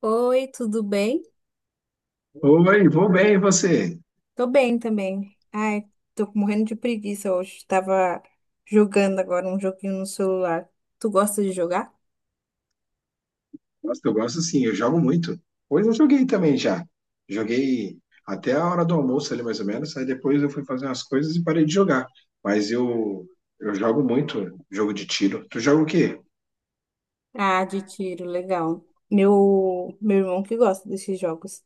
Oi, tudo bem? Oi, vou bem, e você? Tô bem também. Ai, tô morrendo de preguiça hoje. Tava jogando agora um joguinho no celular. Tu gosta de jogar? Gosto, eu gosto sim, eu jogo muito. Hoje eu joguei também já. Joguei até a hora do almoço ali, mais ou menos. Aí depois eu fui fazer umas coisas e parei de jogar. Mas eu jogo muito jogo de tiro. Tu joga o quê? Ah, de tiro, legal. Meu irmão que gosta desses jogos.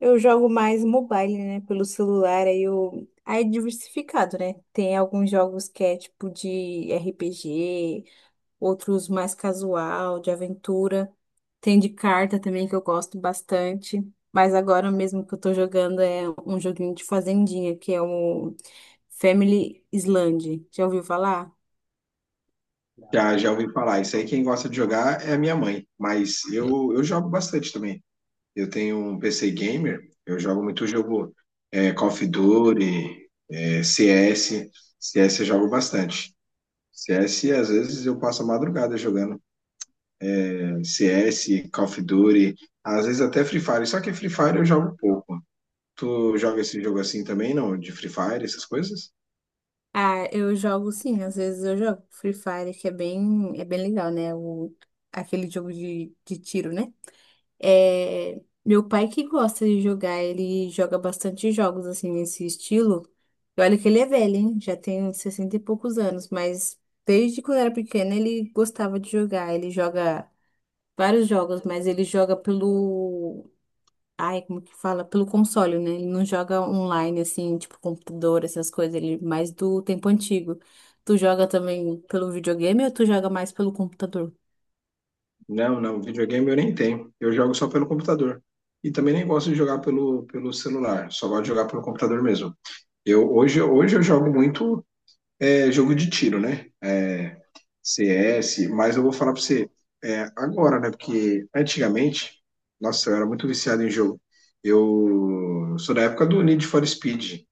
Eu jogo mais mobile, né? Pelo celular, aí eu. Aí é diversificado, né? Tem alguns jogos que é tipo de RPG, outros mais casual, de aventura. Tem de carta também que eu gosto bastante. Mas agora mesmo que eu tô jogando é um joguinho de fazendinha, que é o Family Island. Já ouviu falar? Já, já ouvi falar. Isso aí quem gosta de jogar é a minha mãe. Mas eu jogo bastante também. Eu tenho um PC gamer, eu jogo muito jogo Call of Duty, CS. CS eu jogo bastante. CS, às vezes, eu passo a madrugada jogando. CS, Call of Duty, às vezes até Free Fire. Só que Free Fire eu jogo pouco. Tu joga esse jogo assim também, não? De Free Fire, essas coisas? Ah, eu jogo sim, às vezes eu jogo Free Fire, que é bem legal, né? Aquele jogo de tiro, né? É, meu pai que gosta de jogar, ele joga bastante jogos assim nesse estilo. E olha que ele é velho, hein? Já tem 60 e poucos anos, mas desde quando era pequeno ele gostava de jogar. Ele joga vários jogos, mas ele joga pelo. Ai, como que fala? Pelo console, né? Ele não joga online, assim, tipo computador, essas coisas. Ele é mais do tempo antigo. Tu joga também pelo videogame ou tu joga mais pelo computador? Não, não. Videogame eu nem tenho. Eu jogo só pelo computador. E também nem gosto de jogar pelo celular. Só gosto de jogar pelo computador mesmo. Eu, hoje eu jogo muito jogo de tiro, né? CS, mas eu vou falar pra você agora, né? Porque antigamente, nossa, eu era muito viciado em jogo. Eu sou da época do Need for Speed.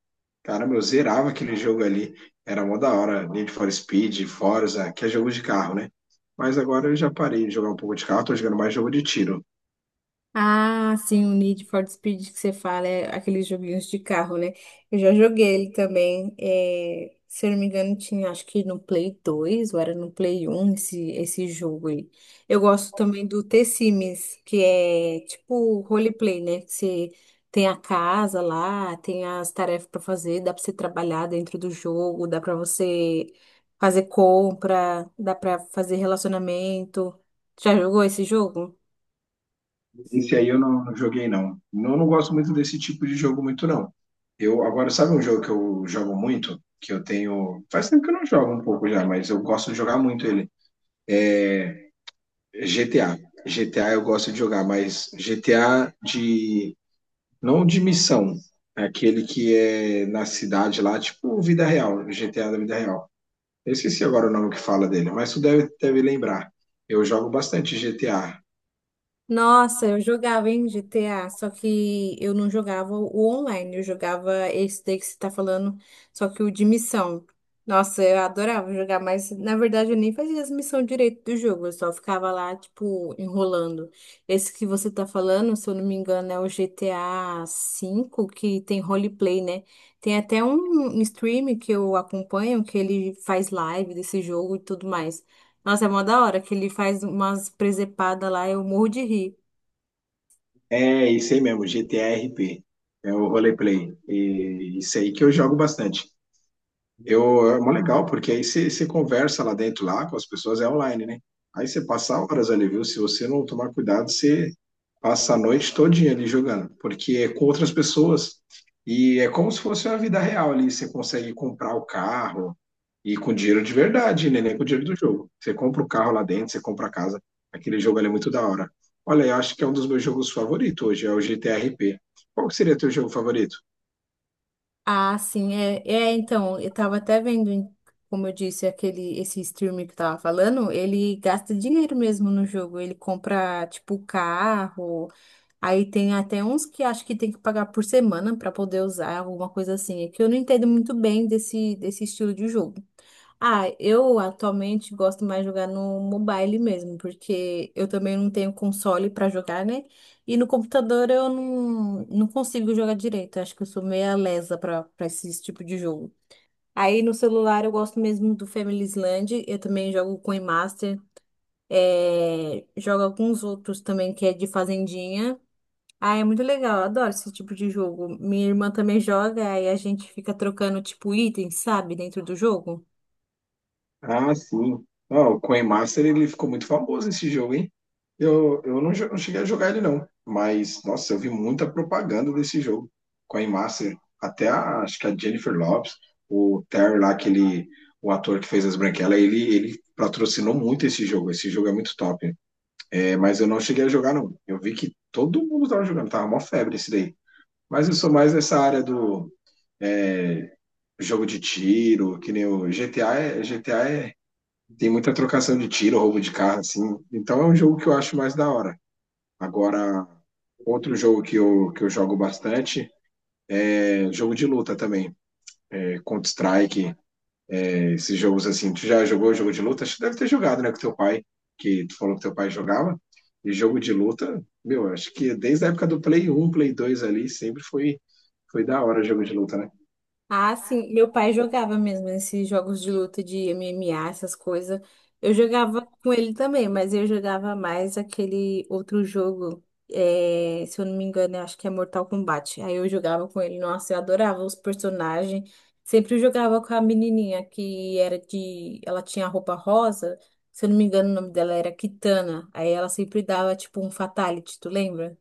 Caramba, eu zerava aquele jogo ali. Era mó da hora. Need for Speed, Forza, que é jogo de carro, né? Mas agora eu já parei de jogar um pouco de carro, tô jogando mais jogo de tiro. Ah, sim, o Need for Speed que você fala, é aqueles joguinhos de carro, né? Eu já joguei ele também. Se eu não me engano, tinha acho que no Play 2 ou era no Play 1 esse jogo aí. Eu gosto também do The Sims que é tipo roleplay, né? Que você tem a casa lá, tem as tarefas para fazer, dá para você trabalhar dentro do jogo, dá para você fazer compra, dá para fazer relacionamento. Já jogou esse jogo? Esse aí eu não, não joguei, não. Eu não gosto muito desse tipo de jogo, muito, não. Eu, agora, sabe um jogo que eu jogo muito? Que eu tenho. Faz tempo que eu não jogo um pouco já, mas eu gosto de jogar muito ele. GTA. GTA eu gosto de jogar, mas GTA de. Não de missão. É aquele que é na cidade lá, tipo vida real, GTA da vida real. Eu esqueci agora o nome que fala dele, mas tu deve lembrar. Eu jogo bastante GTA. Nossa, eu jogava em GTA, só que eu não jogava o online, eu jogava esse daí que você tá falando, só que o de missão. Nossa, eu adorava jogar, mas na verdade eu nem fazia as missões direito do jogo, eu só ficava lá, tipo, enrolando. Esse que você tá falando, se eu não me engano, é o GTA 5 que tem roleplay, né? Tem até um stream que eu acompanho, que ele faz live desse jogo e tudo mais. Nossa, é mó da hora que ele faz umas presepadas lá, eu morro de rir. É, isso aí mesmo, GTA RP. É o roleplay. E isso aí que eu jogo bastante. Eu, é mó legal, porque aí você conversa lá dentro, lá com as pessoas, é online, né? Aí você passa horas ali, viu? Se você não tomar cuidado, você passa a noite todinha ali jogando, porque é com outras pessoas e é como se fosse uma vida real ali. Você consegue comprar o carro e com dinheiro de verdade, né? Nem com dinheiro do jogo. Você compra o carro lá dentro, você compra a casa. Aquele jogo ali é muito da hora. Olha, eu acho que é um dos meus jogos favoritos hoje, é o GTRP. Qual que seria teu jogo favorito? Ah, sim, então, eu tava até vendo, como eu disse, esse streamer que eu tava falando, ele gasta dinheiro mesmo no jogo, ele compra, tipo, carro, aí tem até uns que acho que tem que pagar por semana pra poder usar, alguma coisa assim, é que eu não entendo muito bem desse estilo de jogo. Ah, eu atualmente gosto mais de jogar no mobile mesmo, porque eu também não tenho console pra jogar, né? E no computador eu não consigo jogar direito. Acho que eu sou meia lesa pra para esse tipo de jogo. Aí no celular eu gosto mesmo do Family Island, eu também jogo Coin Master, jogo alguns outros também que é de fazendinha. Ah, é muito legal, eu adoro esse tipo de jogo. Minha irmã também joga, aí a gente fica trocando tipo itens, sabe, dentro do jogo. Ah, sim. Ah, o Coin Master ele ficou muito famoso esse jogo, hein? Eu não, não cheguei a jogar ele, não. Mas, nossa, eu vi muita propaganda desse jogo. Coin Master. Acho que a Jennifer Lopez, o Terry lá, aquele, o ator que fez as branquelas, ele patrocinou muito esse jogo. Esse jogo é muito top. É, mas eu não cheguei a jogar, não. Eu vi que todo mundo tava jogando, tava mó febre esse daí. Mas eu sou mais nessa área do é, jogo de tiro, que nem o GTA, GTA tem muita trocação de tiro, roubo de carro, assim. Então é um jogo que eu acho mais da hora. Agora, outro jogo que eu jogo bastante é jogo de luta também. É Counter-Strike, é esses jogos assim. Tu já jogou jogo de luta? Acho que deve ter jogado, né, com teu pai, que tu falou que teu pai jogava. E jogo de luta, meu, acho que desde a época do Play 1, Play 2 ali, sempre foi da hora jogo de luta, né? Ah, sim, meu pai jogava mesmo esses jogos de luta de MMA, essas coisas. Eu jogava com ele também, mas eu jogava mais aquele outro jogo, se eu não me engano, eu acho que é Mortal Kombat. Aí eu jogava com ele, nossa, eu adorava os personagens. Sempre jogava com a menininha que era de. Ela tinha roupa rosa, se eu não me engano, o nome dela era Kitana. Aí ela sempre dava tipo um fatality, tu lembra?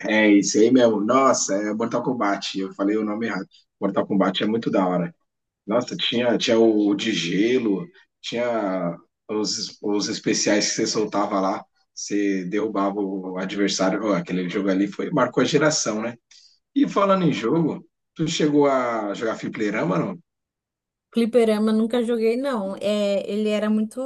É isso aí mesmo. Nossa, é Mortal Kombat. Eu falei o nome errado. Mortal Kombat é muito da hora. Nossa, tinha o de gelo, tinha os especiais que você soltava lá, você derrubava o adversário. Ó, aquele jogo ali marcou a geração, né? E falando em jogo, tu chegou a jogar fliperama, não? Fliperama nunca joguei, não. É, ele era muito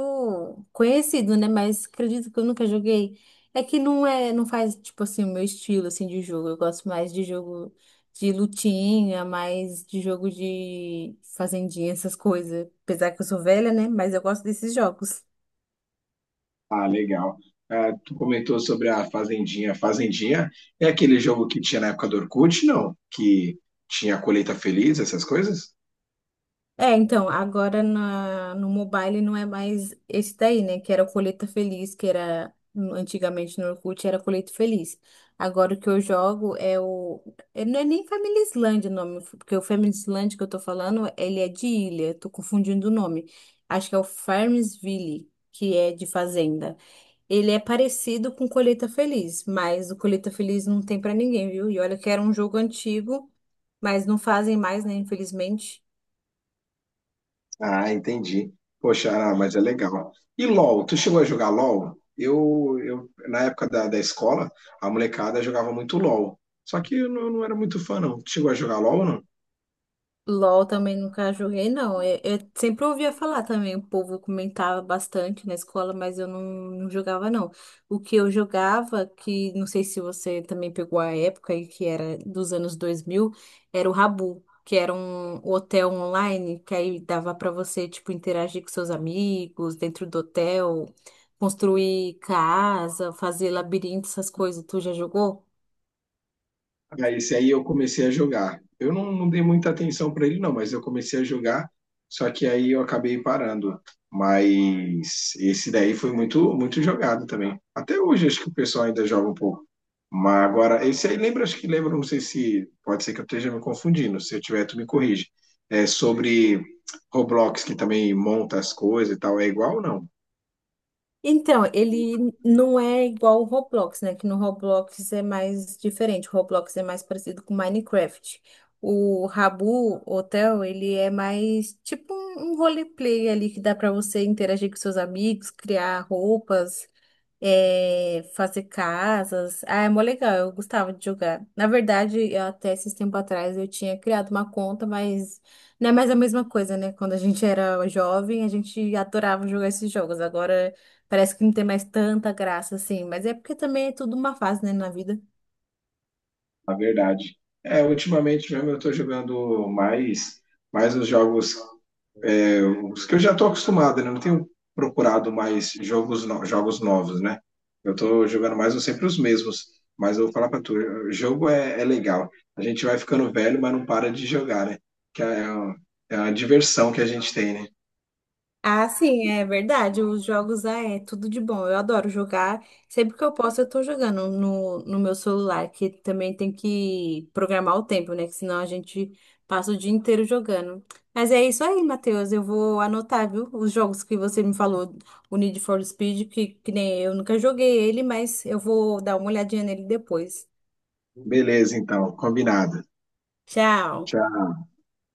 conhecido, né? Mas acredito que eu nunca joguei. É que não é, não faz, tipo assim, o meu estilo assim de jogo. Eu gosto mais de jogo de lutinha, mais de jogo de fazendinha, essas coisas. Apesar que eu sou velha, né? Mas eu gosto desses jogos. Ah, legal. Ah, tu comentou sobre a Fazendinha. Fazendinha é aquele jogo que tinha na época do Orkut, não? Que tinha a colheita feliz, essas coisas? É, então, agora no mobile não é mais esse daí, né? Que era o Colheita Feliz, que era antigamente no Orkut era Colheita Feliz. Agora o que eu jogo é o. Não é nem Família Islândia o nome, porque o Família Islândia que eu tô falando, ele é de ilha, tô confundindo o nome. Acho que é o Farmsville, que é de fazenda. Ele é parecido com Colheita Feliz, mas o Colheita Feliz não tem pra ninguém, viu? E olha que era um jogo antigo, mas não fazem mais, né? Infelizmente. Ah, entendi. Poxa, ah, mas é legal. E LOL, tu chegou a jogar LOL? Eu na época da escola, a molecada jogava muito LOL. Só que eu não, não era muito fã, não. Tu chegou a jogar LOL, ou não? LOL também nunca joguei, não. Eu sempre ouvia falar também, o povo comentava bastante na escola, mas eu não jogava, não. O que eu jogava, que não sei se você também pegou a época aí, que era dos anos 2000 era o Rabu, que era um hotel online, que aí dava para você, tipo, interagir com seus amigos dentro do hotel, construir casa, fazer labirinto, essas coisas. Tu já jogou? Ah, esse aí eu comecei a jogar. Eu não, não dei muita atenção para ele, não, mas eu comecei a jogar, só que aí eu acabei parando. Mas esse daí foi muito, muito jogado também. Até hoje acho que o pessoal ainda joga um pouco. Mas agora, esse aí lembra, acho que lembra, não sei se pode ser que eu esteja me confundindo, se eu tiver, tu me corrige. É sobre Roblox, que também monta as coisas e tal, é igual ou não? Então, ele não é igual o Roblox, né? Que no Roblox é mais diferente. O Roblox é mais parecido com Minecraft. O Rabu Hotel, ele é mais tipo um roleplay ali que dá pra você interagir com seus amigos, criar roupas, fazer casas. Ah, é mó legal, eu gostava de jogar. Na verdade, eu até esses tempos atrás eu tinha criado uma conta, mas não é mais a mesma coisa, né? Quando a gente era jovem, a gente adorava jogar esses jogos. Agora parece que não tem mais tanta graça assim, mas é porque também é tudo uma fase, né, na vida. Na verdade. É, ultimamente mesmo eu tô jogando mais os jogos os que eu já estou acostumado, né? Eu não tenho procurado mais jogos, jogos novos, né? Eu estou jogando mais ou sempre os mesmos. Mas eu vou falar para tu, o jogo é legal. A gente vai ficando velho, mas não para de jogar, né? Que é uma diversão que a gente tem, né? Ah, sim, é verdade. Os jogos é tudo de bom. Eu adoro jogar. Sempre que eu posso, eu tô jogando no meu celular, que também tem que programar o tempo, né? Que senão a gente passa o dia inteiro jogando. Mas é isso aí, Matheus. Eu vou anotar, viu? Os jogos que você me falou, o Need for Speed, que nem eu nunca joguei ele, mas eu vou dar uma olhadinha nele depois. Beleza, então, combinado. Tchau. Tchau.